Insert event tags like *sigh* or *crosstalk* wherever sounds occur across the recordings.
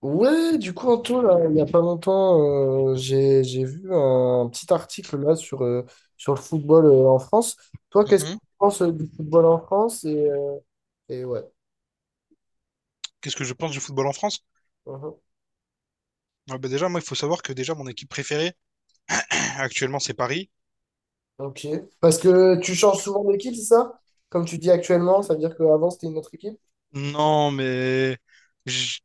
Ouais, du coup, Anto, là, il n'y a pas longtemps, j'ai vu un petit article là sur sur le football en France. Toi, qu'est-ce que Mhm. tu penses du football en France? Et ouais. Qu'est-ce que je pense du football en France? Mhm. Ah bah déjà, moi, il faut savoir que déjà, mon équipe préférée, *clears throat* actuellement, c'est Paris. Ok. Parce que tu changes souvent d'équipe, c'est ça? Comme tu dis actuellement, ça veut dire qu'avant, c'était une autre équipe. Non, mais j-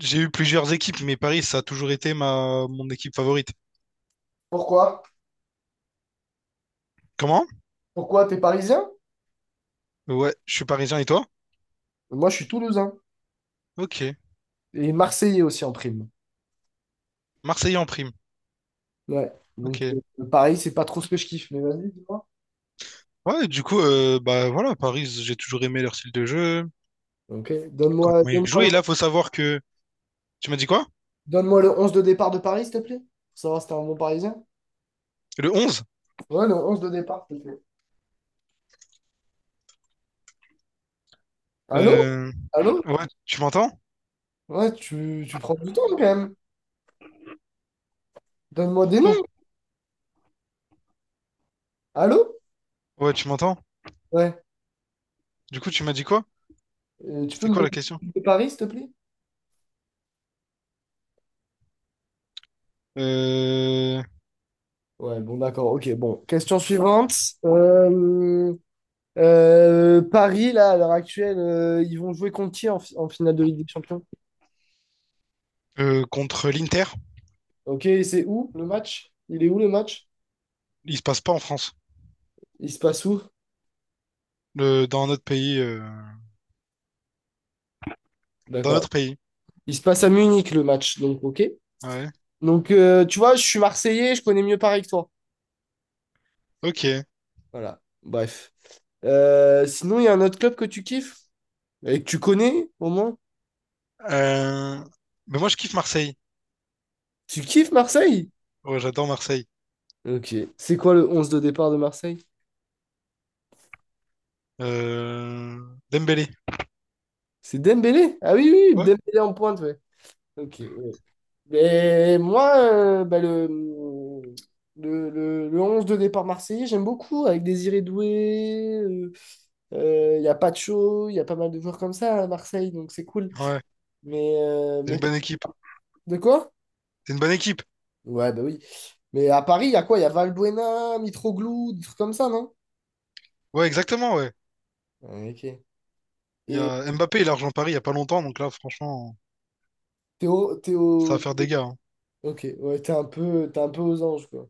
j'ai eu plusieurs équipes, mais Paris, ça a toujours été ma mon équipe favorite. Pourquoi? Comment? Pourquoi? T'es parisien? Ouais, je suis parisien, et toi? Moi, je suis toulousain. Ok. Et marseillais aussi en prime. Marseillais en prime. Ouais. Donc, Ok. Paris, c'est pas trop ce que je kiffe, mais vas-y, dis-moi. Ouais, du coup, bah voilà, Paris, j'ai toujours aimé leur style de jeu. Ok. Comment il jouait. Donne-moi Et là, faut savoir que. Tu m'as dit quoi? Donne-moi le 11 de départ de Paris, s'il te plaît. Pour savoir si t'es un bon Parisien. Le onze. Ouais, le 11 de départ, s'il te plaît. Allô? Euh, Allô? Ouais, tu m'entends? Ouais, tu prends du temps quand même. Donne-moi Je des noms. trouve. Allô? Ouais, tu m'entends? Ouais. Du coup, tu m'as dit quoi? Tu peux C'était me quoi donner la question? le de Paris, s'il te plaît? Euh, Ouais, bon, d'accord. Ok, bon. Question suivante. Euh, Paris, là, à l'heure actuelle, ils vont jouer contre qui en, en finale de Ligue des Champions? Contre l'Inter, Ok, c'est où le match? Il est où le match? il se passe pas en France. Il se passe où? Le... Dans notre pays. Dans D'accord. notre pays. Il se passe à Munich le match, donc ok. Ouais. Donc, tu vois, je suis Marseillais, je connais mieux Paris que toi. Ok. Voilà, bref. Sinon, il y a un autre club que tu kiffes? Et que tu connais, au moins? Euh... Mais moi, je kiffe Marseille. Tu kiffes Marseille? Ouais, j'adore Marseille. Ok. C'est quoi le onze de départ de Marseille? Euh... Dembélé. C'est Dembélé? Ah oui, oui, oui, Ouais. Dembélé en pointe, ouais. Ok, ouais. Mais moi, bah, le 11 de départ marseillais, j'aime beaucoup, avec Désiré Doué, il y a Pacho, il y a pas mal de joueurs comme ça à Marseille, donc c'est cool. Ouais. C'est Mais une bonne équipe. de quoi? C'est une bonne équipe. Ouais, bah oui. Mais à Paris, il y a quoi? Il y a Valbuena, Mitroglou, des trucs comme ça, non? Ouais, exactement, ouais. Ouais, Ok. Il y Et a Mbappé, il a rejoint Paris il y a pas longtemps, donc là, franchement, ça va Théo... faire des gars, hein. Ok, ouais, t'es un peu aux anges, quoi.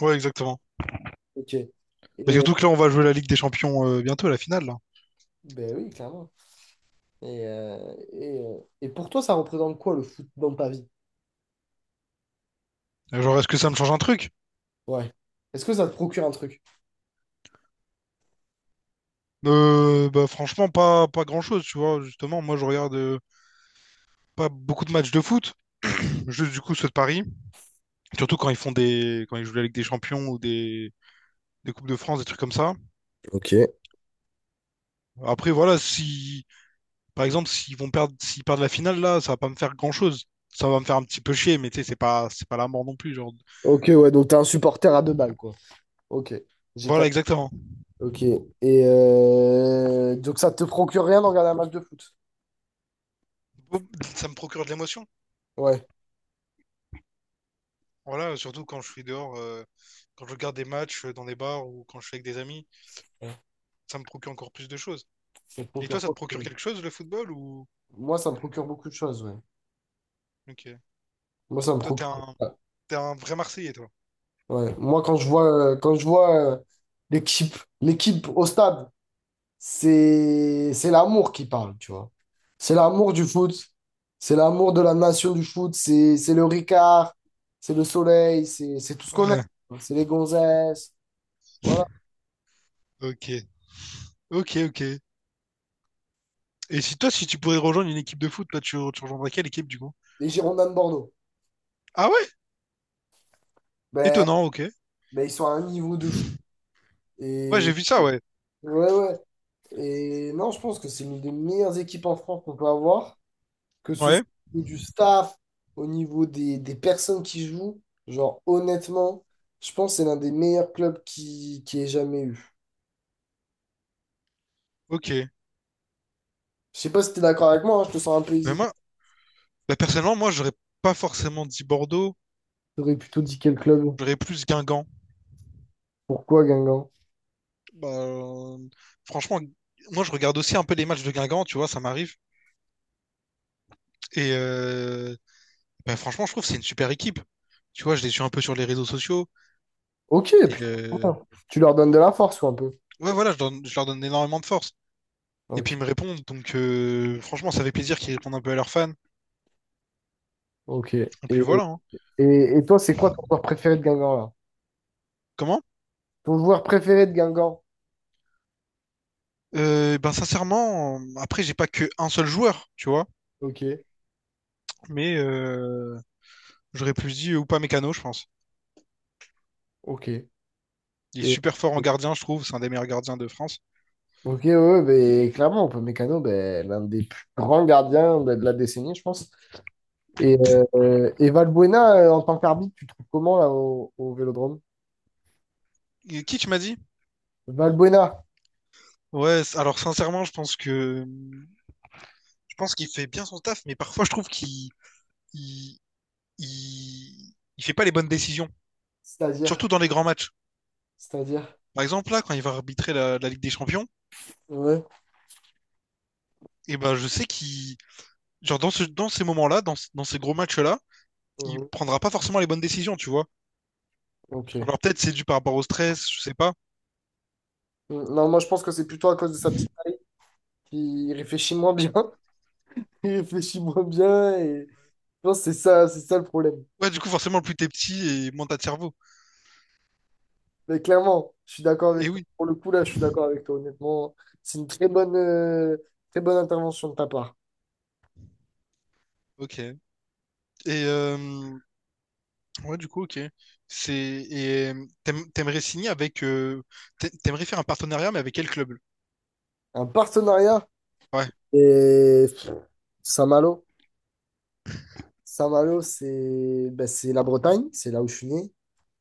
Ouais, exactement. Ok. Et, Mais euh, surtout que là, on va jouer la Ligue des Champions bientôt, la finale, là. ben oui, clairement. Et pour toi, ça représente quoi, le foot dans ta vie? Genre, est-ce que ça me change un truc? Ouais. Est-ce que ça te procure un truc? Bah, franchement, pas grand-chose, tu vois. Justement, moi, je regarde pas beaucoup de matchs de foot. *clears throat* Juste, du coup, ceux de Paris. Surtout quand ils font des... quand ils jouent la Ligue des Champions ou des Coupes de France, des trucs comme ça. Ok. Après, voilà, si... Par exemple, s'ils vont perdre... s'ils perdent la finale, là, ça va pas me faire grand-chose. Ça va me faire un petit peu chier, mais tu sais, c'est pas la mort non plus, genre. Ok, ouais, donc t'es un supporter à deux balles, quoi. Ok. J'ai Voilà, quatre. exactement. Ok. Et donc ça te procure rien d'en regarder un match de foot? Bon, ça me procure de l'émotion. Ouais. Voilà, surtout quand je suis dehors, quand je regarde des matchs dans des bars ou quand je suis avec des amis, Ouais, ça me procure encore plus de choses. ça te Et toi, procure ça pas. te procure quelque chose, le football ou... Moi, ça me procure beaucoup de choses, ouais. Ok. Moi, ça me Toi, procure. T'es un vrai Marseillais, toi. Ouais. Moi, quand je vois l'équipe, l'équipe au stade, c'est l'amour qui parle, tu vois. C'est l'amour du foot, c'est l'amour de la nation du foot, c'est le Ricard, c'est le soleil, c'est tout ce qu'on aime. Ouais, C'est les gonzesses, voilà. ok. Ok, ok. Et si toi, si tu pourrais rejoindre une équipe de foot, là, tu rejoindrais quelle équipe, du coup? Les Girondins de Bordeaux. Ah ouais? Ben, Étonnant, ok. ben, ils sont à un niveau de fou. Ouais, Et, j'ai vu ça, ouais. Ouais. Et non, je pense que c'est l'une des meilleures équipes en France qu'on peut avoir. Que ce Ouais, soit au niveau du staff, au niveau des personnes qui jouent, genre honnêtement, je pense que c'est l'un des meilleurs clubs qui ait jamais eu. ok. Je sais pas si t'es d'accord avec moi, hein, je te sens un peu Mais hésitant. moi, bah, personnellement, moi, j'aurais pas forcément dit Bordeaux, T'aurais plutôt dit quel club? j'aurais plus Guingamp. Pourquoi Guingamp? Bah, franchement, moi, je regarde aussi un peu les matchs de Guingamp, tu vois, ça m'arrive. Et bah, franchement, je trouve que c'est une super équipe. Tu vois, je les suis un peu sur les réseaux sociaux. Ok, Et putain, c'est bien. Tu leur donnes de la force ou un peu? ouais, voilà, je leur donne énormément de force. Et puis Ok, ils me répondent. Donc franchement, ça fait plaisir qu'ils répondent un peu à leurs fans. ok. Et puis voilà, hein. Et toi, c'est quoi ton joueur préféré de Guingamp là? Comment? Ton joueur préféré de Guingamp? Ben sincèrement, après, j'ai pas que un seul joueur, tu vois. Ok, Mais j'aurais plus dit Oupa Mécano, je pense. ok. Il est Et- super fort en gardien, je trouve. C'est un des meilleurs gardiens de France. Ok, ouais, ouais, mais clairement, on peut Mécano, ben, l'un des plus grands gardiens ben, de la décennie, je pense. Et, et Valbuena, en tant qu'arbitre, tu te trouves comment là au Vélodrome? Et qui tu m'as dit? Valbuena, Ouais, alors sincèrement, je pense qu'il fait bien son taf, mais parfois je trouve qu'il il, il fait pas les bonnes décisions, c'est-à-dire, surtout dans les grands matchs. c'est-à-dire. Par exemple, là, quand il va arbitrer la Ligue des Champions, Ouais. et ben, je sais qu'il, genre, dans ces moments-là, dans ces gros matchs-là, il Mhm. prendra pas forcément les bonnes décisions, tu vois. Ok. Alors, peut-être c'est dû par rapport au stress, je sais pas. Mm, non, moi je pense que c'est plutôt à cause de sa petite taille qu'il réfléchit moins bien. *laughs* Il réfléchit moins bien et je pense que c'est ça le problème. Ouais, du coup, forcément, plus t'es petit et moins t'as de cerveau. Mais clairement, je suis d'accord Et avec toi. oui, Pour le coup, là, je suis d'accord avec toi, honnêtement. C'est une très bonne intervention de ta part. ok. Et, euh, ouais, du coup, ok. C'est, et t'aimerais signer avec, t'aimerais faire un partenariat, mais avec quel club? Un partenariat Ouais, et pff, Saint-Malo. Saint-Malo, c'est ben, c'est la Bretagne, c'est là où je suis né.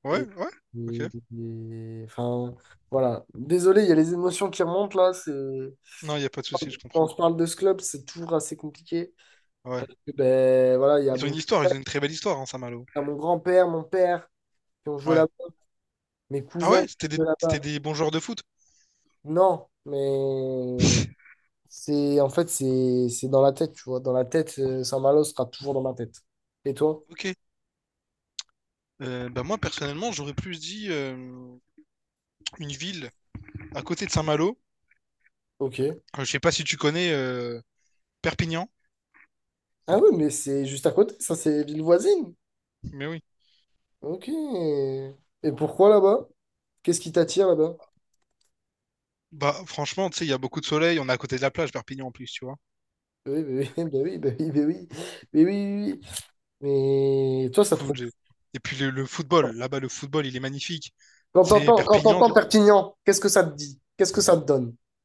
ouais, Et, ouais, ok. et- enfin, voilà. Désolé, il y a les émotions qui remontent là. C'est... Non, y a pas de souci, je Quand on comprends. se parle de ce club, c'est toujours assez compliqué. Ouais. Et ben, voilà, Ils ont une histoire, ils ont une très belle histoire, hein, Saint-Malo. il y a mon grand-père, mon père qui ont joué Ouais. là-bas, mes Ah cousins ouais, qui ont joué c'était là-bas. des bons joueurs de foot. Non, mais *laughs* c'est en fait, c'est dans la tête, tu vois. Dans la tête, Saint-Malo sera toujours dans ma tête. Et toi? Ok. Bah moi, personnellement, j'aurais plus dit une ville à côté de Saint-Malo. Ok. Je sais pas si tu connais Perpignan, Ah oui, mais c'est juste à côté, ça, c'est ville voisine. mais oui. Ok. Et pourquoi là-bas? Qu'est-ce qui t'attire là-bas? Bah franchement, tu sais, il y a beaucoup de soleil, on est à côté de la plage, Perpignan en plus, tu vois. Oui, bah oui, *laughs* bah oui, bah oui, bah oui, mais oui, oui, oui. Mais toi, Du ça te coup, procure. Et puis le football, là-bas, le football, il est magnifique. C'est Quand Perpignan. t'entends Perpignan, qu'est-ce que ça te dit? Qu'est-ce que ça te donne? *laughs*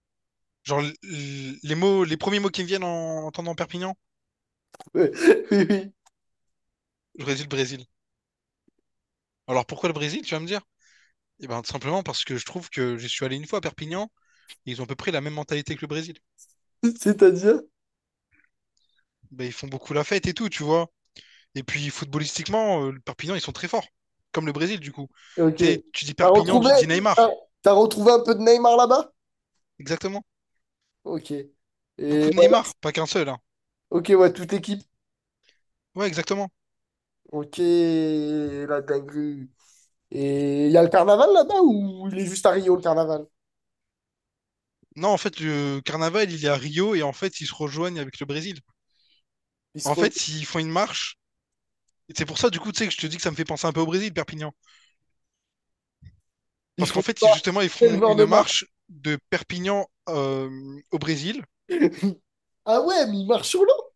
Genre, les mots, les premiers mots qui me viennent en entendant Perpignan, Oui, oui, j'aurais dit le Brésil. Alors pourquoi le Brésil, tu vas me dire? Et ben, tout simplement parce que je trouve que je suis allé une fois à Perpignan, et ils ont à peu près la même mentalité que le Brésil. oui. C'est-à-dire? Ben, ils font beaucoup la fête et tout, tu vois. Et puis footballistiquement, le Perpignan, ils sont très forts, comme le Brésil du coup. Ok. Tu sais, tu dis T'as Perpignan, retrouvé, tu dis Neymar, t'as, t'as retrouvé un peu de Neymar là-bas? exactement. Ok. Beaucoup Et de voilà. Neymar, pas qu'un seul, hein. Ok, ouais, toute l'équipe. Ouais, exactement. Ok, la dinguerie. Et il y a le carnaval là-bas ou il est juste à Rio le carnaval? Non, en fait, le carnaval, il est à Rio et en fait, ils se rejoignent avec le Brésil. Il se En re... fait, ils font une marche. Et c'est pour ça, du coup, tu sais, que je te dis que ça me fait penser un peu au Brésil, Perpignan. Il Parce qu'en faut fait, voir justement, ils quel font genre de une marque. marche de Perpignan au Brésil. Ah ouais, mais il marche sur l'eau.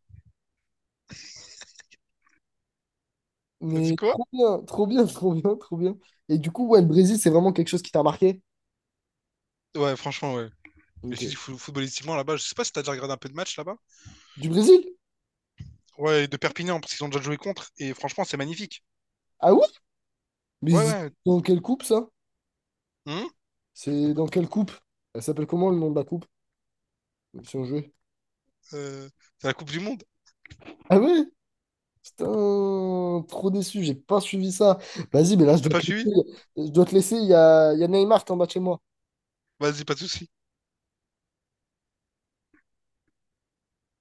T'as dit Mais quoi? trop bien, trop bien, trop bien, trop bien. Et du coup, ouais, le Brésil, c'est vraiment quelque chose qui t'a marqué? Ouais, franchement, ouais. Mais Ok. je te dis, footballistiquement, là-bas, je sais pas si t'as déjà regardé un peu de match là-bas. Du Brésil? Ouais, de Perpignan, parce qu'ils ont déjà joué contre. Et franchement, c'est magnifique. Ah ouais? Mais Ouais, c'est ouais. dans quelle coupe ça? Hum, C'est dans quelle coupe? Elle s'appelle comment le nom de la coupe? Si on jouait. euh, c'est la Coupe du Monde. Ah ouais? Putain, trop déçu, j'ai pas suivi ça. Vas-y, mais là, je T'as dois pas te suivi? laisser. Je dois te laisser, il y a Neymar qui est en bas de chez moi. Vas-y, pas de soucis.